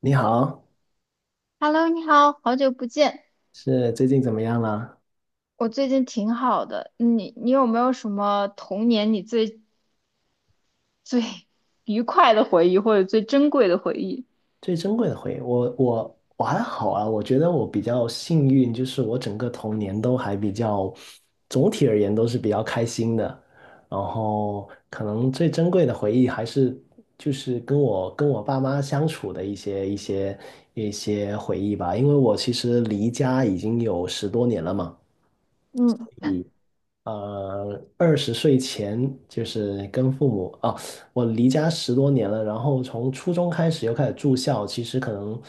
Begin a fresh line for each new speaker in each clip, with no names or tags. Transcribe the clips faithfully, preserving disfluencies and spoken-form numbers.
你好，
Hello，你好，好久不见。
是最近怎么样了？
我最近挺好的，你你有没有什么童年你最最 愉快的回忆，或者最珍贵的回忆？
最珍贵的回忆，我我我还好啊，我觉得我比较幸运，就是我整个童年都还比较，总体而言都是比较开心的。然后可能最珍贵的回忆还是就是跟我跟我爸妈相处的一些一些一些回忆吧，因为我其实离家已经有十多年了嘛。
嗯
呃，二十岁前就是跟父母哦，我离家十多年了，然后从初中开始又开始住校，其实可能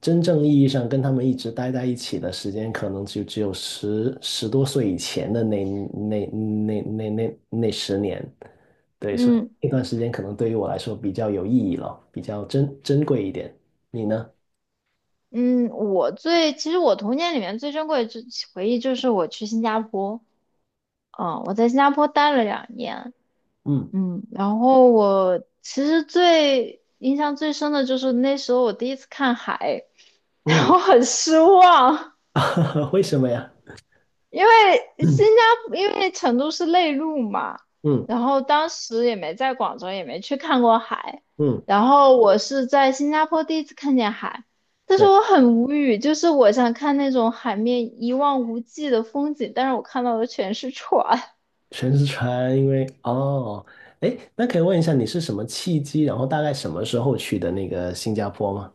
真正意义上跟他们一直待在一起的时间，可能就只有十十多岁以前的那那那那那那十年，对，所以
嗯
那段时间可能对于我来说比较有意义了，比较珍珍贵一点。你呢？
嗯，我最其实我童年里面最珍贵的就回忆就是我去新加坡，嗯，我在新加坡待了两年，
嗯
嗯，然后我其实最印象最深的就是那时候我第一次看海，然
嗯，
后很失望。
为什么呀？
因 为新
嗯
加坡，因为成都是内陆嘛，
嗯
然后当时也没在广州，也没去看过海，
嗯，
然后我是在新加坡第一次看见海，但是
对。
我很无语，就是我想看那种海面一望无际的风景，但是我看到的全是船。
全是船，因为哦，哎，那可以问一下你是什么契机，然后大概什么时候去的那个新加坡吗？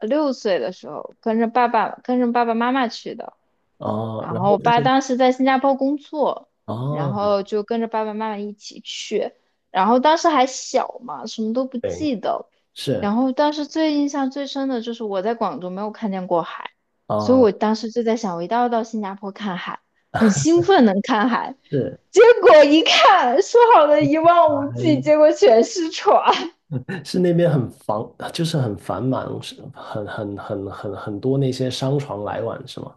六岁的时候跟着爸爸跟着爸爸妈妈去的。
哦，
然
然
后
后
我
在
爸当时在新加坡工作，然
哦，
后就跟着爸爸妈妈一起去，然后当时还小嘛，什么都不
对，
记得。
是
然后当时最印象最深的就是我在广州没有看见过海，所以
哦，
我当时就在想，我一定要到新加坡看海，很兴奋能看海。
是，
结果一看，说好的一望无际，
嗯
结果全是船。
是那边很繁，就是很繁忙，是很很很很很多那些商船来往，是吗？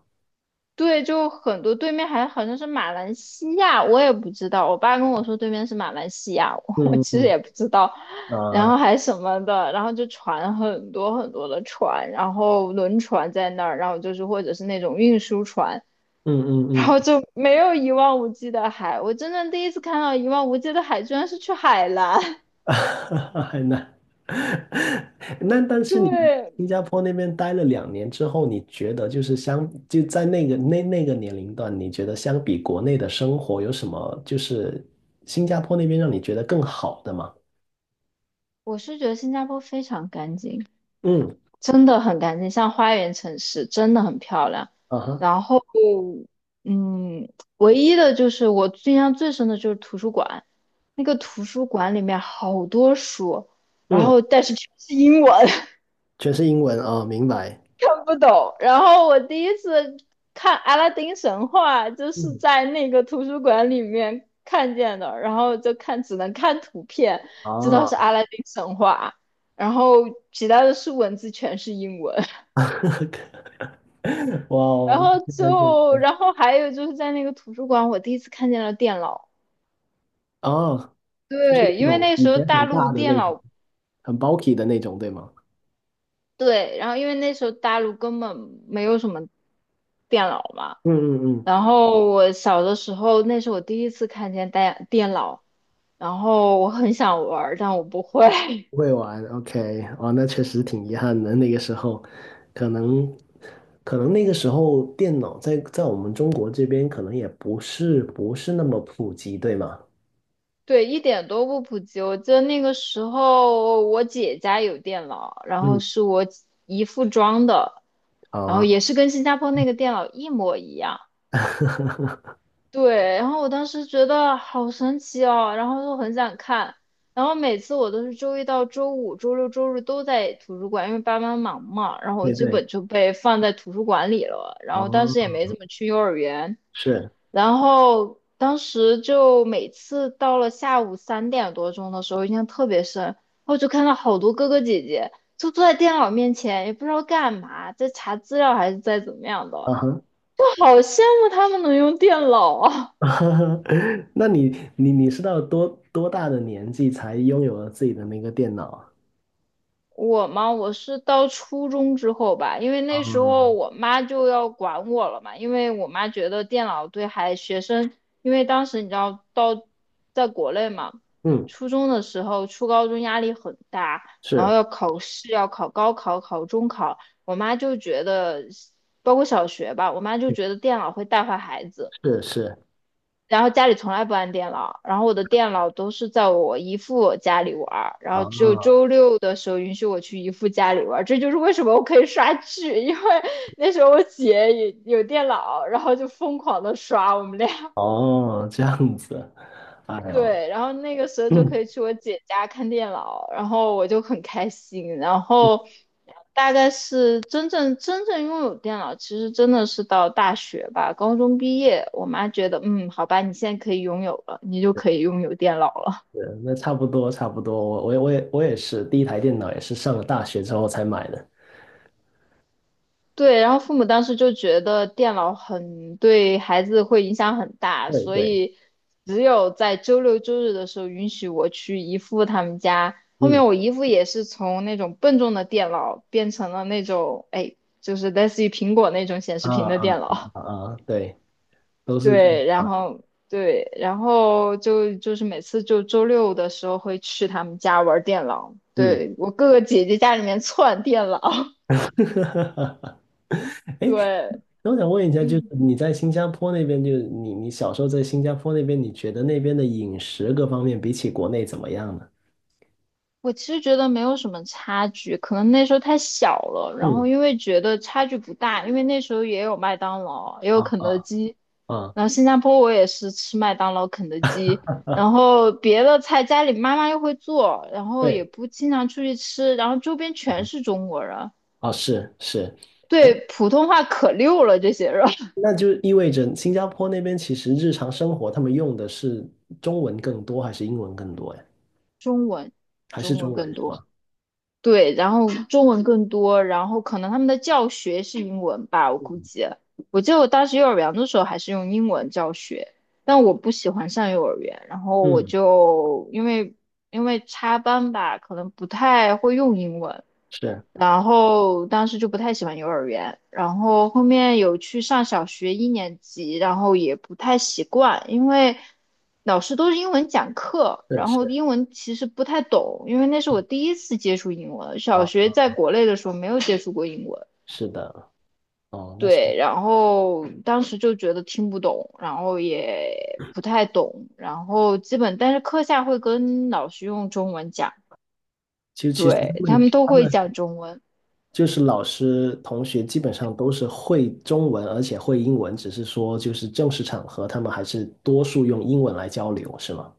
对，就很多对面还好像是马来西亚，我也不知道。我爸跟我说对面是马来西亚，我我
嗯
其实
嗯
也不知道。
嗯，
然
啊，
后还什么的，然后就船很多很多的船，然后轮船在那儿，然后就是或者是那种运输船，
嗯
然
嗯嗯
后就没有一望无际的海。我真的第一次看到一望无际的海，居然是去海南。
很难。那但是你
对，
新加坡那边待了两年之后，你觉得就是相就在那个那那个年龄段，你觉得相比国内的生活有什么就是新加坡那边让你觉得更好的吗？
我是觉得新加坡非常干净。
嗯，
真的很干净，像花园城市，真的很漂亮。
啊哈，
然后，嗯，唯一的就是我印象最深的就是图书馆，那个图书馆里面好多书，然
嗯，
后但是全是英文，
全是英文啊，明白。
看不懂。然后我第一次看《阿拉丁神话》，就是
嗯，
在那个图书馆里面看见的，然后就看只能看图片，知道
啊，
是《阿拉丁神话》，然后其他的是文字全是英文。
哇
然
哦，
后
现在确
就，
实
然后还有就是在那个图书馆，我第一次看见了电脑。
哦，那
对，因为
种
那时
以
候
前
大
很
陆
大的
电
那种，
脑，
很 bulky 的那种，对吗？
对，然后因为那时候大陆根本没有什么电脑嘛。
嗯嗯嗯
然后我小的时候，那是我第一次看见电电脑，然后我很想玩儿但我不会。
不 会玩，OK,哦，那确实挺遗憾的。那个时候，可能，可能那个时候电脑在在我们中国这边可能也不是不是那么普及，对吗？
对，一点都不普及。我记得那个时候，我姐家有电脑，然后
嗯，
是我姨父装的，
好
然后
啊，
也是跟新加坡那个电脑一模一样。对，然后我当时觉得好神奇哦，然后就很想看。然后每次我都是周一到周五、周六、周日都在图书馆，因为爸妈忙嘛，然后我
对
基
对，
本就被放在图书馆里了。然后当时也
哦，
没怎么去幼儿园，
是，
然后当时就每次到了下午三点多钟的时候，印象特别深，然后就看到好多哥哥姐姐就坐在电脑面前，也不知道干嘛，在查资料还是在怎么样的，
啊哈，
我好羡慕他们能用电脑啊！
那你你你是到多多大的年纪才拥有了自己的那个电脑啊？
我嘛，我是到初中之后吧，因为
啊，
那时候我妈就要管我了嘛，因为我妈觉得电脑对孩学生，因为当时你知道到在国内嘛，
嗯，
初中的时候、初高中压力很大，然后
是
要考试、要考高考、考中考，我妈就觉得，包括小学吧，我妈就觉得电脑会带坏孩子。
是是，
然后家里从来不安电脑，然后我的电脑都是在我姨父家里玩儿，然后只有
哦
周六的时候允许我去姨父家里玩儿，这就是为什么我可以刷剧，因为 那时候我姐也有电脑，然后就疯狂的刷，我们俩
哦，这样子，哎呦。
对，然后那个时候就可 以去我姐家看电脑，然后我就很开心，然后。但真正真正拥有电脑，其实真的是到大学吧，高中毕业，我妈觉得，嗯，好吧，你现在可以拥有了，你就可以拥有电脑了。
对，那差不多差不多，我我也我也我也是，第一台电脑也是上了大学之后才买的。
对，然后父母当时就觉得电脑很对孩子会影响很大，
对
所
对，
以只有在周六周日的时候允许我去姨父他们家。后
嗯
面我姨父也是从那种笨重的电脑变成了那种，哎，就是类似于苹果那种显示
啊
屏的
啊
电
啊
脑。
啊啊，对，都 是
对，然后对，然后就就是每次就周六的时候会去他们家玩电脑，
嗯，
对，我哥哥姐姐家里面串电脑，
哎
对，
那我想问一下，就是
嗯。
你在新加坡那边，就是你你小时候在新加坡那边，你觉得那边的饮食各方面比起国内怎么样呢？
我其实觉得没有什么差距，可能那时候太小了，然后
嗯
因为觉得差距不大，因为那时候也有麦当劳，也有肯
啊
德基，
啊
然后新加坡我也是吃麦当劳、肯德基，
啊，
然后别的菜家里妈妈又会做，然后也
对，
不经常出去吃，然后周边全是中国人，
哦是是，哎，
对普通话可溜了这些人，
那就意味着新加坡那边其实日常生活他们用的是中文更多还是英文更多呀？
中文，
还是
中
中
文
文
更
是
多。
吗？
对，然后中文更多，然后可能他们的教学是英文吧，我估计。我记得我当时幼儿园的时候还是用英文教学，但我不喜欢上幼儿园，然后我
嗯，
就因为因为插班吧，可能不太会用英文，
是
然后当时就不太喜欢幼儿园，然后后面有去上小学一年级，然后也不太习惯，因为老师都是英文讲课，
是
然后
是
英文其实不太懂，因为那是我第一次接触英文，小
啊，
学在国内的时候没有接触过英文。
是的，哦，那其
对，然后当时就觉得听不懂，然后也不太懂，然后基本，但是课下会跟老师用中文讲，
其实其实他
对，他
们
们都
他
会
们
讲中文。
就是老师同学基本上都是会中文，而且会英文，只是说就是正式场合他们还是多数用英文来交流，是吗？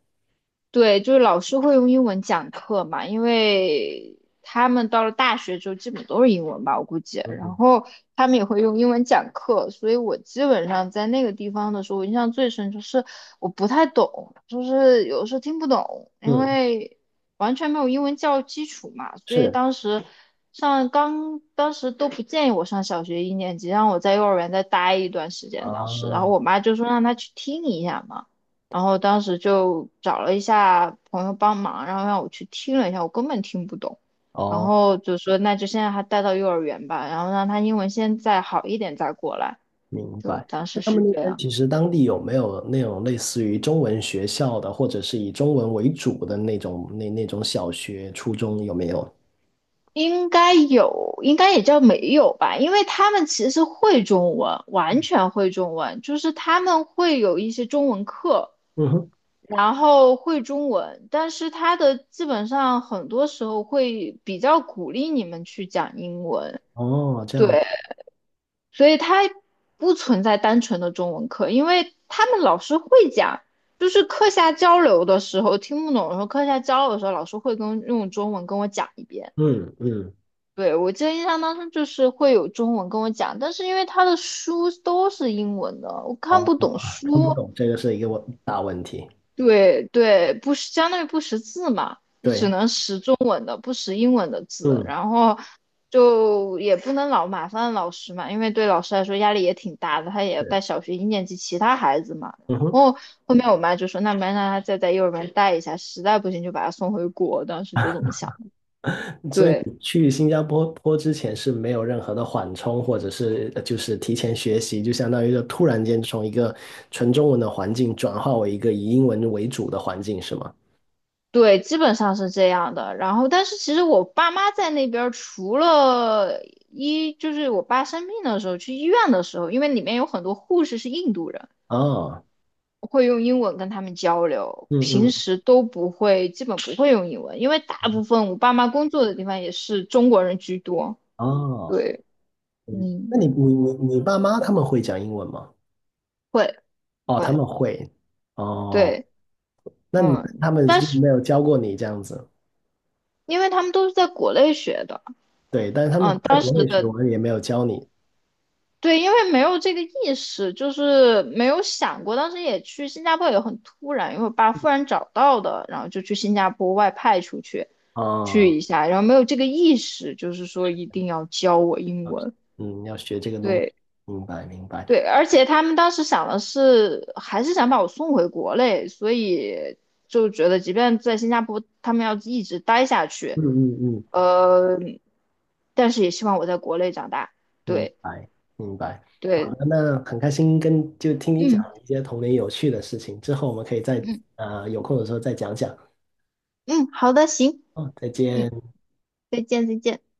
对，就是老师会用英文讲课嘛，因为他们到了大学之后基本都是英文吧，我估计。然
嗯
后他们也会用英文讲课，所以我基本上在那个地方的时候，我印象最深就是我不太懂，就是有时候听不懂，因
嗯，
为完全没有英文教育基础嘛，所以
是
当时上刚当时都不建议我上小学一年级，让我在幼儿园再待一段时间。当时，然后
啊，
我妈就说让她去听一下嘛。然后当时就找了一下朋友帮忙，然后让我去听了一下，我根本听不懂。然
哦，
后就说那就先让他带到幼儿园吧，然后让他英文先再好一点再过来。
明
就
白。
当
那
时
他们
是
那
这
边
样，
其实当地有没有那种类似于中文学校的，或者是以中文为主的那种那那种小学、初中有没有？
应该有，应该也叫没有吧，因为他们其实会中文，完全会中文，就是他们会有一些中文课，
嗯哼，
然后会中文，但是他的基本上很多时候会比较鼓励你们去讲英文，
哦，这样。
所以它不存在单纯的中文课，因为他们老师会讲，就是课下交流的时候听不懂的时候，课下交流的时候老师会跟用中文跟我讲一遍。
嗯嗯，
对，我记得印象当中就是会有中文跟我讲，但是因为他的书都是英文的，我
啊，
看不懂
看不
书，
懂，这个是一个问大问题。
对对，不识相当于不识字嘛，你只
对，
能识中文的，不识英文的字，
嗯
然后就也不能老麻烦老师嘛，因为对老师来说压力也挺大的，他也
是，
带小学一年级其他孩子嘛。然
嗯哼
后后面我妈就说，那没让他再在幼儿园待一下，实在不行就把他送回国，当时就这么想的。
所以
对。
你去新加坡坡之前是没有任何的缓冲，或者是呃就是提前学习，就相当于就突然间从一个纯中文的环境转化为一个以英文为主的环境，是吗？
对，基本上是这样的。然后，但是其实我爸妈在那边儿，除了一就是我爸生病的时候，去医院的时候，因为里面有很多护士是印度人，
哦
我会用英文跟他们交流，
嗯
平
嗯，
时都不会，基本不会用英文，因为大部分我爸妈工作的地方也是中国人居多。
哦，
对，
嗯
嗯，
那你你你你爸妈他们会讲英文吗？
会
哦，他
会，
们会。哦，
对，
那你
嗯，
他们
但
就
是
没有教过你这样子。
因为他们都是在国内学的，
对，但是他们
嗯，
在
当
国
时
内学
的
文也没有教你
对，因为没有这个意识，就是没有想过。当时也去新加坡也很突然，因为我爸忽然找到的，然后就去新加坡外派出去去
啊，
一下，然后没有这个意识，就是说一定要教我英
啊
文。
嗯，要学这个东西，
对
明白明白，
对，而且他们当时想的是，还是想把我送回国内，所以就觉得即便在新加坡，他们要一直待下去，
嗯嗯嗯，
呃，但是也希望我在国内长大。
明
对
白明白。好
对，
的，那很开心跟就听你讲
嗯。
一些童年有趣的事情，之后我们可以再
嗯。
呃有空的时候再讲讲。
嗯，好的，行，
哦，再
嗯，
见。
再见，再见。